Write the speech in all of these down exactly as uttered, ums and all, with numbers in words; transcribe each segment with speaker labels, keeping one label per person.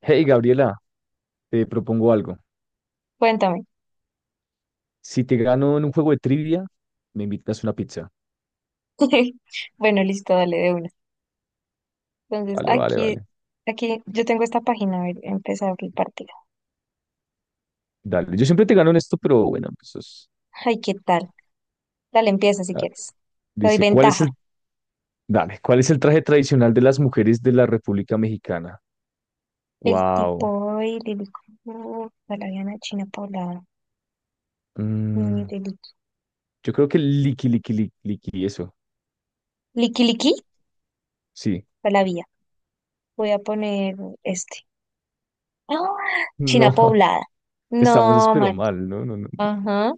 Speaker 1: Hey Gabriela, te propongo algo.
Speaker 2: Cuéntame.
Speaker 1: Si te gano en un juego de trivia, me invitas una pizza.
Speaker 2: Bueno, listo, dale de una. Entonces,
Speaker 1: Vale, vale,
Speaker 2: aquí,
Speaker 1: vale.
Speaker 2: aquí yo tengo esta página, a ver, empezar el partido.
Speaker 1: Dale. Yo siempre te gano en esto, pero bueno, pues eso es-
Speaker 2: Ay, ¿qué tal? Dale, empieza si
Speaker 1: ah,
Speaker 2: quieres. Te doy
Speaker 1: dice, ¿cuál es
Speaker 2: ventaja.
Speaker 1: el, dale, ¿cuál es el traje tradicional de las mujeres de la República Mexicana?
Speaker 2: El
Speaker 1: Wow.
Speaker 2: tipo de Lilico, Palaviana, China Paula, mm,
Speaker 1: Mm,
Speaker 2: de liqui
Speaker 1: yo creo que liqui, liqui, liqui, liqui, eso.
Speaker 2: Liqui Liqui,
Speaker 1: Sí.
Speaker 2: Palavia. Voy a poner este. ¡Ah! China
Speaker 1: No,
Speaker 2: poblada.
Speaker 1: estamos
Speaker 2: No,
Speaker 1: espero
Speaker 2: man.
Speaker 1: mal, ¿no? No, no.
Speaker 2: Ajá.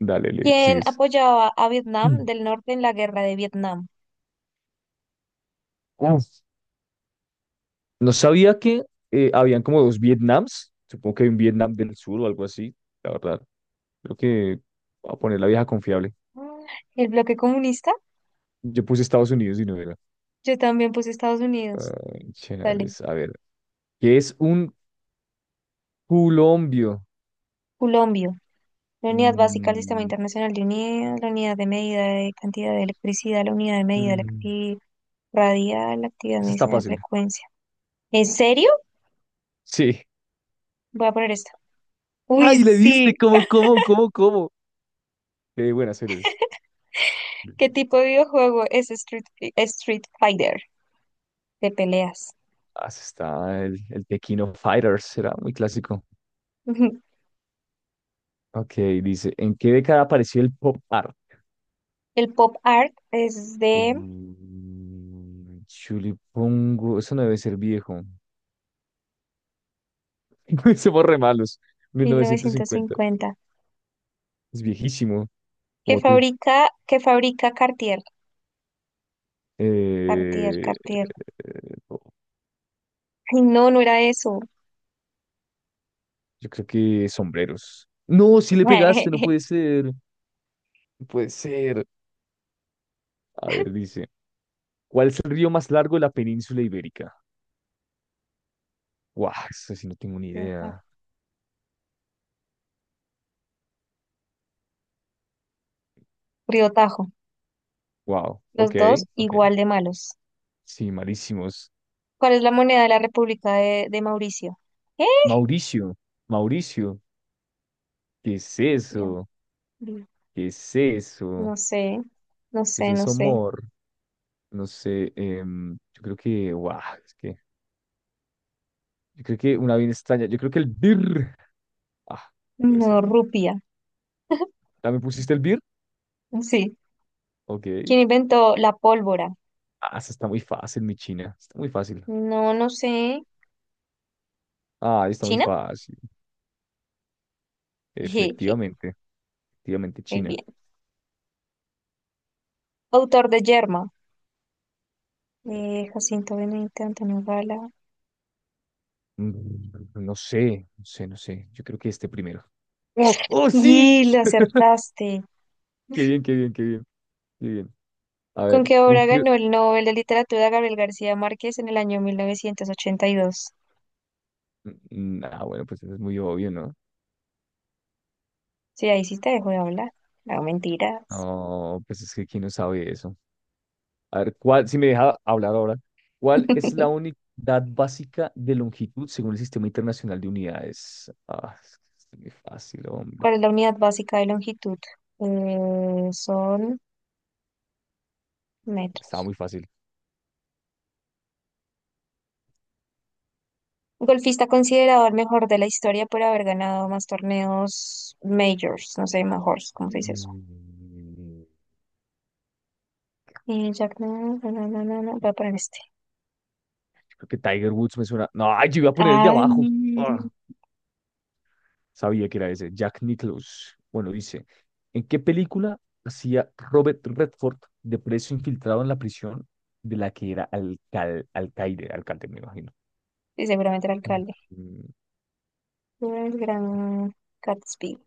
Speaker 1: Dale, le
Speaker 2: ¿Quién
Speaker 1: sigues.
Speaker 2: apoyaba a Vietnam
Speaker 1: Mm.
Speaker 2: del Norte en la guerra de Vietnam?
Speaker 1: Uf. No sabía que eh, habían como dos Vietnams. Supongo que hay un Vietnam del Sur o algo así. La verdad. Creo que voy a poner la vieja confiable.
Speaker 2: Ah, ¿el bloque comunista?
Speaker 1: Yo puse Estados Unidos y no era.
Speaker 2: Yo también puse Estados Unidos.
Speaker 1: Ay,
Speaker 2: Dale.
Speaker 1: chenales. A ver. ¿Qué es un culombio?
Speaker 2: Culombio. La unidad básica del Sistema
Speaker 1: Mm,
Speaker 2: Internacional de Unidas, la unidad de medida de cantidad de electricidad, la unidad de medida de la
Speaker 1: mm,
Speaker 2: actividad radial, la actividad de
Speaker 1: Esa está
Speaker 2: medicina de
Speaker 1: fácil.
Speaker 2: frecuencia. ¿En serio?
Speaker 1: Sí.
Speaker 2: Voy a poner esto. Uy,
Speaker 1: ¡Ay, le
Speaker 2: sí.
Speaker 1: diste! ¿Cómo, cómo, cómo, cómo? Qué buenas eres.
Speaker 2: ¿Qué tipo de videojuego es Street, Fi- Street Fighter de peleas?
Speaker 1: Ah, ese está el, el Tequino Fighters. Era muy clásico. Ok, dice. ¿En qué década apareció el pop art?
Speaker 2: El pop art es de
Speaker 1: Mm, Chulipungo. Eso no debe ser viejo. Somos re malos.
Speaker 2: mil novecientos
Speaker 1: mil novecientos cincuenta.
Speaker 2: cincuenta.
Speaker 1: Es viejísimo,
Speaker 2: ¿Qué
Speaker 1: como tú.
Speaker 2: fabrica, qué fabrica Cartier? Cartier,
Speaker 1: Eh, eh,
Speaker 2: Cartier.
Speaker 1: no,
Speaker 2: Ay, no, no era eso.
Speaker 1: yo creo que sombreros. No, si le pegaste, no puede ser. No puede ser. A ver, dice, ¿cuál es el río más largo de la península ibérica? Guau, eso sí no tengo ni idea.
Speaker 2: Riotajo.
Speaker 1: Wow,
Speaker 2: Los
Speaker 1: ok,
Speaker 2: dos
Speaker 1: ok.
Speaker 2: igual de malos.
Speaker 1: Sí, malísimos.
Speaker 2: ¿Cuál es la moneda de la República de, de Mauricio? ¿Eh?
Speaker 1: Mauricio, Mauricio, ¿qué es
Speaker 2: Rupia.
Speaker 1: eso?
Speaker 2: Li-
Speaker 1: ¿Qué es eso?
Speaker 2: No sé, no
Speaker 1: ¿Qué es
Speaker 2: sé, no
Speaker 1: eso,
Speaker 2: sé.
Speaker 1: amor? No sé, em, yo creo que, guau, es que, yo creo que una bien extraña, yo creo que el bir. Ah, puede
Speaker 2: No,
Speaker 1: ser.
Speaker 2: rupia.
Speaker 1: ¿También pusiste el beer?
Speaker 2: Sí.
Speaker 1: Ok.
Speaker 2: ¿Quién inventó la pólvora?
Speaker 1: Ah, esa está muy fácil, mi China. Está muy fácil.
Speaker 2: No, no sé.
Speaker 1: Ah, está muy
Speaker 2: ¿China?
Speaker 1: fácil.
Speaker 2: Jeje,
Speaker 1: Efectivamente, efectivamente,
Speaker 2: muy
Speaker 1: China.
Speaker 2: bien. Autor de Yerma. Eh, Jacinto Benavente Antonio Gala.
Speaker 1: Mm, No sé, no sé, no sé. Yo creo que este primero. ¡Oh, oh, sí!
Speaker 2: Y lo acertaste.
Speaker 1: Qué bien, qué bien, qué bien, qué bien. A
Speaker 2: ¿Con
Speaker 1: ver,
Speaker 2: qué obra
Speaker 1: un tío-
Speaker 2: ganó el Nobel de Literatura Gabriel García Márquez en el año mil novecientos ochenta y dos?
Speaker 1: Mm, Ah, bueno, pues eso es muy obvio, ¿no?
Speaker 2: Sí, ahí sí te dejo de hablar. No, mentiras.
Speaker 1: No, pues es que quién no sabe eso. A ver, ¿cuál, si me deja hablar ahora, ¿cuál es la unidad básica de longitud según el Sistema Internacional de Unidades? Ah, es que es muy fácil, hombre.
Speaker 2: ¿Cuál es la unidad básica de longitud? Eh, son
Speaker 1: Estaba
Speaker 2: metros.
Speaker 1: muy fácil.
Speaker 2: Golfista considerado el mejor de la historia por haber ganado más torneos majors, no sé, majors, ¿cómo se dice eso?
Speaker 1: Mm,
Speaker 2: Eh, Jack, no, no, no, no, no, voy a poner este.
Speaker 1: Creo que Tiger Woods me suena. No, ay, yo iba a poner el de
Speaker 2: Ay,
Speaker 1: abajo. Ah, sabía que era ese. Jack Nicklaus. Bueno, dice, ¿en qué película hacía Robert Redford de preso infiltrado en la prisión de la que era alcal alcaide, alcalde, me imagino?
Speaker 2: sí, seguramente el alcalde.
Speaker 1: Mm,
Speaker 2: El gran Gatsby.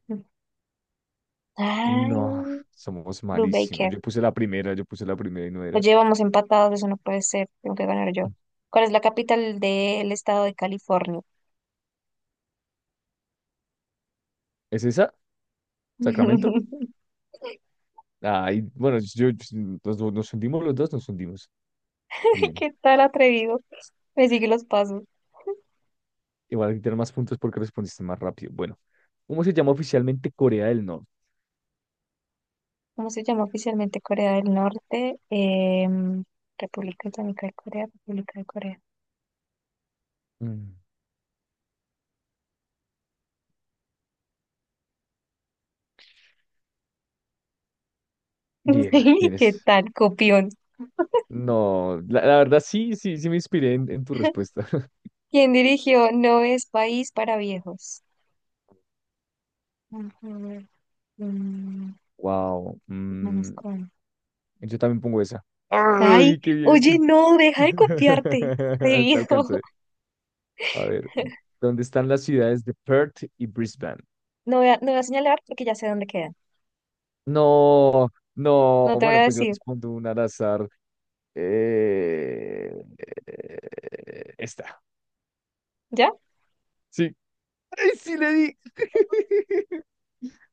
Speaker 1: No,
Speaker 2: Ay,
Speaker 1: somos
Speaker 2: Blue
Speaker 1: malísimos.
Speaker 2: Baker.
Speaker 1: Yo puse la primera, yo puse la primera y no era.
Speaker 2: Oye, vamos empatados, eso no puede ser, tengo que ganar yo. ¿Cuál es la capital del estado de California?
Speaker 1: ¿Es esa? ¿Sacramento? Ay, bueno, yo, yo- nos, nos hundimos los dos, nos hundimos. Bien.
Speaker 2: ¿Qué tal atrevido? Me sigue los pasos.
Speaker 1: Igual tener más puntos porque respondiste más rápido. Bueno, ¿cómo se llama oficialmente Corea del Norte?
Speaker 2: ¿Cómo se llama oficialmente Corea del Norte? Em, República Islámica de Corea, República de Corea.
Speaker 1: Mm, Bien,
Speaker 2: Sí, ¿qué
Speaker 1: vienes.
Speaker 2: tal, copión?
Speaker 1: No, la, la verdad sí, sí, sí me inspiré en, en tu respuesta.
Speaker 2: ¿Quién dirigió No es país para viejos? Ujú, mm,
Speaker 1: Wow.
Speaker 2: Hermanos Coen.
Speaker 1: Yo también pongo esa.
Speaker 2: Ay,
Speaker 1: ¡Ay, qué bien!
Speaker 2: oye, no, deja de copiarte,
Speaker 1: Te alcancé.
Speaker 2: atrevido.
Speaker 1: A ver, ¿dónde están las ciudades de Perth y Brisbane?
Speaker 2: No voy a, no voy a señalar porque ya sé dónde quedan.
Speaker 1: No, no,
Speaker 2: No te voy a
Speaker 1: bueno, pues yo
Speaker 2: decir,
Speaker 1: respondo un al azar. Eh, eh, esta.
Speaker 2: ¿ya?
Speaker 1: Sí, ¡ay, sí le di!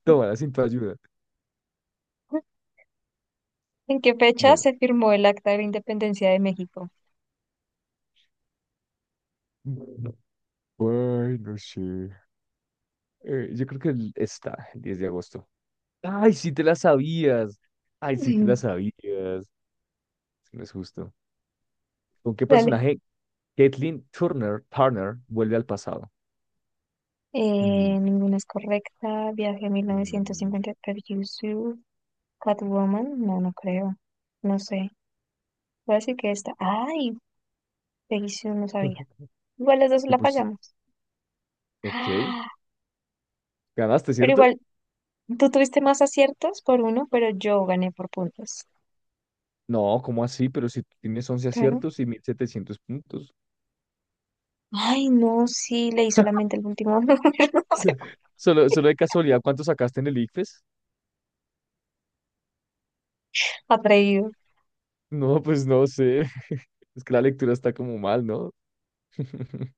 Speaker 1: Toma, sin tu ayuda.
Speaker 2: ¿En qué fecha
Speaker 1: Bueno.
Speaker 2: se firmó el Acta de la Independencia de México?
Speaker 1: Ay, no sé. Eh, yo creo que el- está el diez de agosto. ¡Ay, sí te la sabías! ¡Ay, sí te la sabías! No es justo. ¿Con qué
Speaker 2: Dale.
Speaker 1: personaje Caitlyn Turner, Turner vuelve al pasado? Mm,
Speaker 2: Eh, ninguna es correcta. Viaje a
Speaker 1: mm,
Speaker 2: mil novecientos cincuenta per You Sue. Catwoman, no, no creo. No sé. Voy a decir que esta. Ay, Peggy Sue, no sabía. Igual las dos
Speaker 1: yo
Speaker 2: la
Speaker 1: pues,
Speaker 2: fallamos.
Speaker 1: ok.
Speaker 2: Ah,
Speaker 1: ¿Ganaste,
Speaker 2: pero
Speaker 1: cierto?
Speaker 2: igual, tú tuviste más aciertos por uno, pero yo gané por puntos.
Speaker 1: No, ¿cómo así? Pero si tienes once
Speaker 2: Claro.
Speaker 1: aciertos y mil setecientos puntos.
Speaker 2: Ay, no, sí, leí solamente el último número. No sé por
Speaker 1: Solo,
Speaker 2: qué.
Speaker 1: solo de casualidad, ¿cuánto sacaste en el ICFES?
Speaker 2: Atrevido.
Speaker 1: No, pues no sé. Es que la lectura está como mal, ¿no?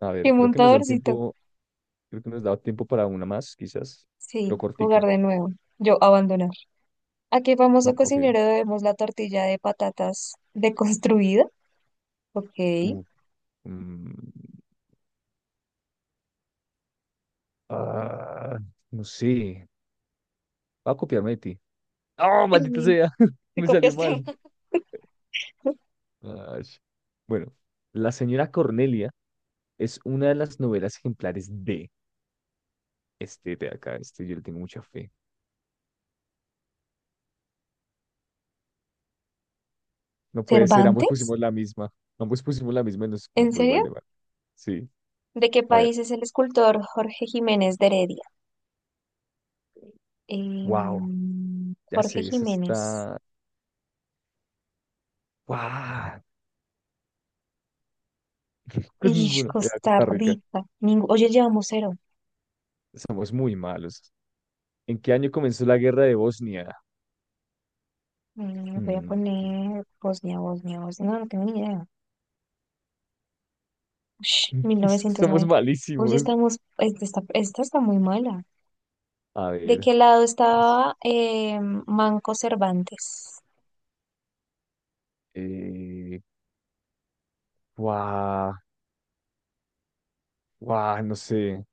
Speaker 1: A
Speaker 2: Qué
Speaker 1: ver, creo que nos da el
Speaker 2: montadorcito.
Speaker 1: tiempo, creo que nos da tiempo para una más, quizás,
Speaker 2: Sí,
Speaker 1: pero
Speaker 2: jugar
Speaker 1: cortica.
Speaker 2: de nuevo. Yo abandoné. ¿A qué
Speaker 1: Mm,
Speaker 2: famoso
Speaker 1: Ok.
Speaker 2: cocinero debemos la tortilla de patatas deconstruida? Ok.
Speaker 1: Uh, mm, ah, no sé. Va a copiarme de ti. ¡Oh, maldita sea!
Speaker 2: ¿Te
Speaker 1: Me salió
Speaker 2: copiaste?
Speaker 1: mal. Ay. Bueno, la señora Cornelia es una de las novelas ejemplares de este de acá. Este yo le tengo mucha fe. No puede ser, ambos
Speaker 2: ¿Cervantes?
Speaker 1: pusimos la misma. Ambos pusimos la misma y nos, no
Speaker 2: ¿En
Speaker 1: fue igual
Speaker 2: serio?
Speaker 1: de mal. Sí.
Speaker 2: ¿De qué
Speaker 1: A ver.
Speaker 2: país es el escultor Jorge Jiménez de Heredia?
Speaker 1: Wow.
Speaker 2: Em,
Speaker 1: Ya
Speaker 2: Jorge
Speaker 1: sé, esa
Speaker 2: Jiménez.
Speaker 1: está. ¡Guau! Pues
Speaker 2: Ish,
Speaker 1: ninguno. Era
Speaker 2: Costa
Speaker 1: Costa Rica.
Speaker 2: Rica. Ningú- Oye, llevamos cero.
Speaker 1: Somos muy malos. ¿En qué año comenzó la guerra de Bosnia?
Speaker 2: Mm, voy a
Speaker 1: Mm.
Speaker 2: poner Bosnia, Bosnia, Bosnia. No, no tengo ni idea. Ush,
Speaker 1: Somos
Speaker 2: mil novecientos noventa. Oye,
Speaker 1: malísimos.
Speaker 2: estamos. esta, esta está muy mala.
Speaker 1: A
Speaker 2: ¿De
Speaker 1: ver.
Speaker 2: qué lado
Speaker 1: Más.
Speaker 2: estaba eh, Manco Cervantes?
Speaker 1: Eh, Guau, guau, no sé.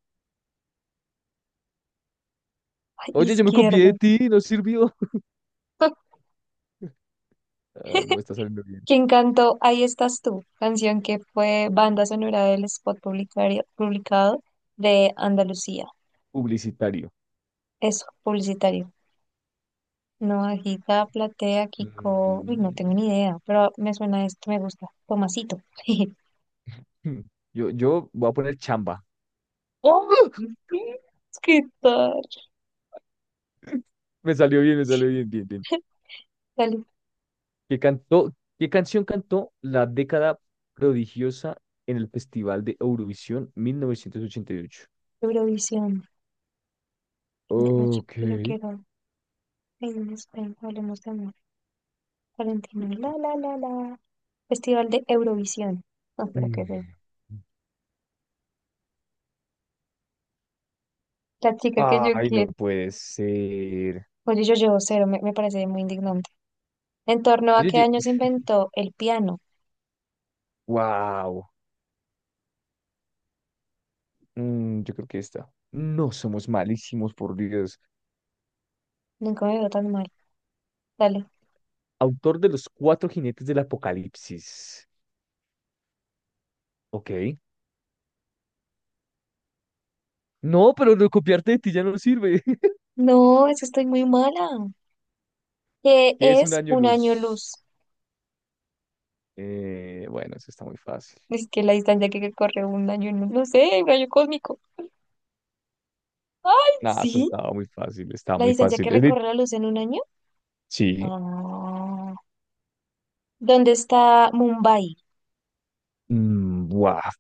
Speaker 2: Ay,
Speaker 1: Oye, yo me copié
Speaker 2: izquierdo.
Speaker 1: de ti, no sirvió. Ah, no me está saliendo bien.
Speaker 2: ¿Quién cantó Ahí estás tú? Canción que fue banda sonora del spot publicario- publicado de Andalucía.
Speaker 1: Publicitario.
Speaker 2: Eso, publicitario. Navajita, Platea, Kiko. Uy, no
Speaker 1: Mm.
Speaker 2: tengo ni idea, pero me suena esto, me gusta. Tomasito.
Speaker 1: Hmm. Yo, yo voy a poner chamba. ¡Oh!
Speaker 2: ¿Qué tal?
Speaker 1: Me salió bien, me salió bien, bien, bien.
Speaker 2: Dale,
Speaker 1: que cantó, ¿Qué canción cantó la década prodigiosa en el Festival de Eurovisión mil novecientos ochenta y ocho?
Speaker 2: Eurovisión. Argentina, chico,
Speaker 1: Ok.
Speaker 2: que yo quiero. Ahí en España, hablemos de amor. Valentino, la la la la. Festival de Eurovisión. No, pero qué es
Speaker 1: Mm.
Speaker 2: La chica que yo
Speaker 1: Ay, no
Speaker 2: quiero.
Speaker 1: puede ser.
Speaker 2: Oye, yo llevo cero, me, me parece muy indignante. ¿En torno a
Speaker 1: Oye,
Speaker 2: qué
Speaker 1: yo-
Speaker 2: año se inventó el piano?
Speaker 1: wow. Mm, yo creo que esta. No somos malísimos, por Dios.
Speaker 2: Nunca me veo tan mal. Dale.
Speaker 1: Autor de Los Cuatro Jinetes del Apocalipsis. Ok. No, pero lo copiarte de ti ya no sirve.
Speaker 2: No, es que estoy muy mala. ¿Qué
Speaker 1: ¿Qué es un
Speaker 2: es
Speaker 1: año
Speaker 2: un año
Speaker 1: luz?
Speaker 2: luz?
Speaker 1: Eh, bueno, eso está muy fácil.
Speaker 2: Es que la distancia que corre un año, en no sé, un año cósmico. ¡Ay,
Speaker 1: Nada, eso
Speaker 2: sí!
Speaker 1: estaba muy fácil, estaba
Speaker 2: ¿La
Speaker 1: muy
Speaker 2: distancia
Speaker 1: fácil.
Speaker 2: que
Speaker 1: Es
Speaker 2: recorre la luz en un año?
Speaker 1: Sí.
Speaker 2: Ah. ¿Dónde está Mumbai?
Speaker 1: Mm, guau.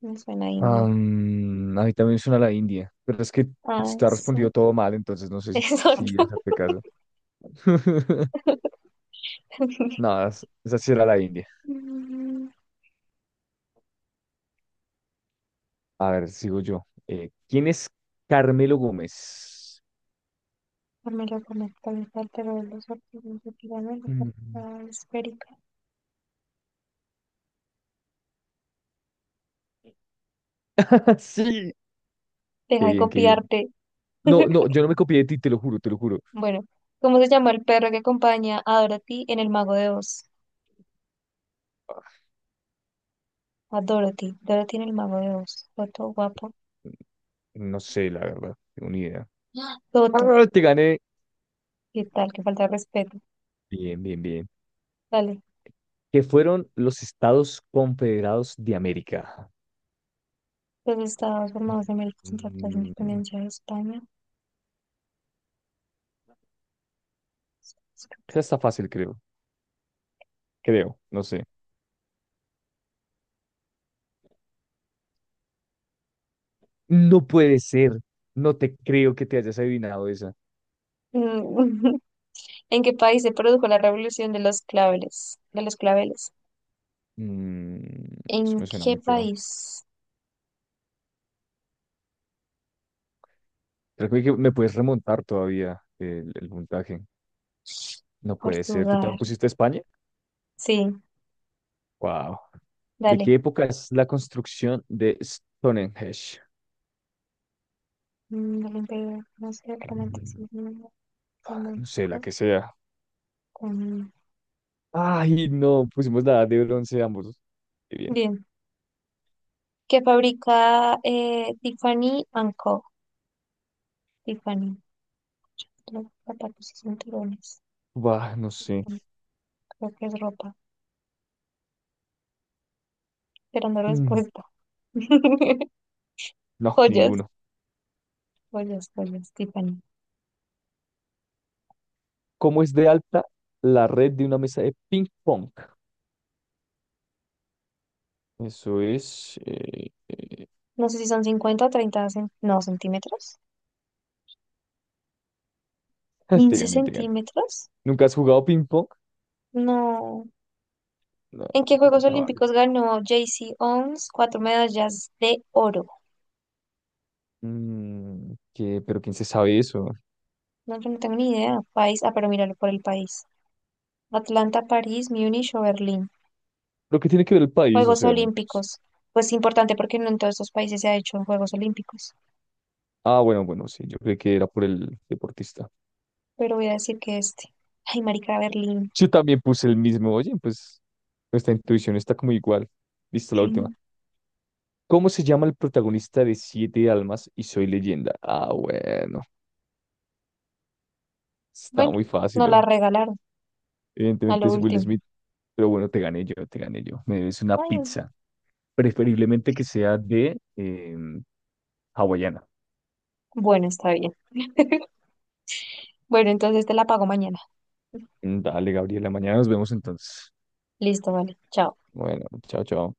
Speaker 2: Me suena a India.
Speaker 1: Am, a mí también suena la India, pero es que
Speaker 2: Ay,
Speaker 1: está
Speaker 2: sí.
Speaker 1: respondido todo mal, entonces no sé si, si
Speaker 2: Exacto.
Speaker 1: hacerte caso. Nada, es- esa sí era la India. A ver, sigo yo. Eh, ¿quién es Carmelo Gómez?
Speaker 2: Carmela Gómez, cabeza del los artistas de pirámide, la
Speaker 1: Mm.
Speaker 2: portada esférica.
Speaker 1: Sí.
Speaker 2: Deja
Speaker 1: Qué
Speaker 2: de
Speaker 1: bien, qué bien.
Speaker 2: copiarte.
Speaker 1: No, no, yo no me copié de ti, te lo juro, te lo juro.
Speaker 2: Bueno, ¿cómo se llama el perro que acompaña a Dorothy en El Mago de Oz? A Dorothy, Dorothy en El Mago de Oz. Toto, guapo.
Speaker 1: No sé, la verdad, tengo ni idea.
Speaker 2: ¡Ah! Toto,
Speaker 1: Ah, te gané.
Speaker 2: ¿qué tal? Qué falta de respeto.
Speaker 1: Bien, bien, bien.
Speaker 2: Dale.
Speaker 1: ¿Qué fueron los Estados Confederados de América?
Speaker 2: Los estados formados en América Central tras la
Speaker 1: Mm,
Speaker 2: independencia de España.
Speaker 1: Esa está fácil, creo. Creo, no sé. No puede ser. No te creo que te hayas adivinado esa.
Speaker 2: Mm, ¿En qué país se produjo la revolución de los claveles? De los claveles.
Speaker 1: Mm,
Speaker 2: ¿En
Speaker 1: Eso me suena
Speaker 2: qué
Speaker 1: mucho.
Speaker 2: país?
Speaker 1: Creo que me puedes remontar todavía el, el puntaje. No puede ser. ¿Tú
Speaker 2: Portugal.
Speaker 1: también pusiste España?
Speaker 2: Sí,
Speaker 1: Wow. ¿De
Speaker 2: dale.
Speaker 1: qué época es la construcción de Stonehenge?
Speaker 2: Mm, el imperio francés, el romanticismo
Speaker 1: No sé, la
Speaker 2: flamenco.
Speaker 1: que sea.
Speaker 2: Con
Speaker 1: Ay, no, pusimos la edad de bronce ambos. Qué bien.
Speaker 2: Bien. Que fabrica eh, Tiffany and Co. Tiffany. Los zapatos y cinturones.
Speaker 1: Bah, no sé.
Speaker 2: Mm, Creo que es ropa. Esperando
Speaker 1: Mm,
Speaker 2: respuesta.
Speaker 1: no,
Speaker 2: Joyas.
Speaker 1: ninguno.
Speaker 2: Joyas, joyas. Tiffany.
Speaker 1: ¿Cómo es de alta la red de una mesa de ping pong? Eso es. Eh, eh,
Speaker 2: No sé si son cincuenta o treinta cen- no, centímetros.
Speaker 1: te
Speaker 2: ¿quince
Speaker 1: gané, te gané.
Speaker 2: centímetros?
Speaker 1: ¿Nunca has jugado ping-pong?
Speaker 2: No.
Speaker 1: No,
Speaker 2: ¿En qué
Speaker 1: te
Speaker 2: Juegos
Speaker 1: faltaba algo.
Speaker 2: Olímpicos ganó J. C. Owens cuatro medallas de oro?
Speaker 1: Mm, ¿qué? ¿Pero quién se sabe eso?
Speaker 2: No, yo no tengo ni idea. País. Ah, pero míralo por el país. Atlanta, París, Múnich o Berlín.
Speaker 1: ¿Pero qué tiene que ver el país? O
Speaker 2: Juegos
Speaker 1: sea. pues-
Speaker 2: Olímpicos. Pues importante porque no en todos estos países se ha hecho Juegos Olímpicos.
Speaker 1: Ah, bueno, bueno, sí, yo creí que era por el deportista.
Speaker 2: Pero voy a decir que este. Ay, marica, Berlín.
Speaker 1: Yo también puse el mismo. Oye, pues nuestra intuición está como igual. Listo, la última. ¿Cómo se llama el protagonista de Siete Almas y Soy Leyenda? Ah, bueno. Está
Speaker 2: Bueno,
Speaker 1: muy fácil,
Speaker 2: nos
Speaker 1: ¿eh?
Speaker 2: la regalaron a
Speaker 1: Evidentemente
Speaker 2: lo
Speaker 1: es Will
Speaker 2: último.
Speaker 1: Smith. Pero bueno, te gané yo, te gané yo. Me debes una
Speaker 2: Ay,
Speaker 1: pizza. Preferiblemente que sea de em, hawaiana.
Speaker 2: bueno, está bien. Bueno, entonces te la pago mañana.
Speaker 1: Dale, Gabriela, mañana nos vemos entonces.
Speaker 2: Listo, vale. Chao.
Speaker 1: Bueno, chao, chao.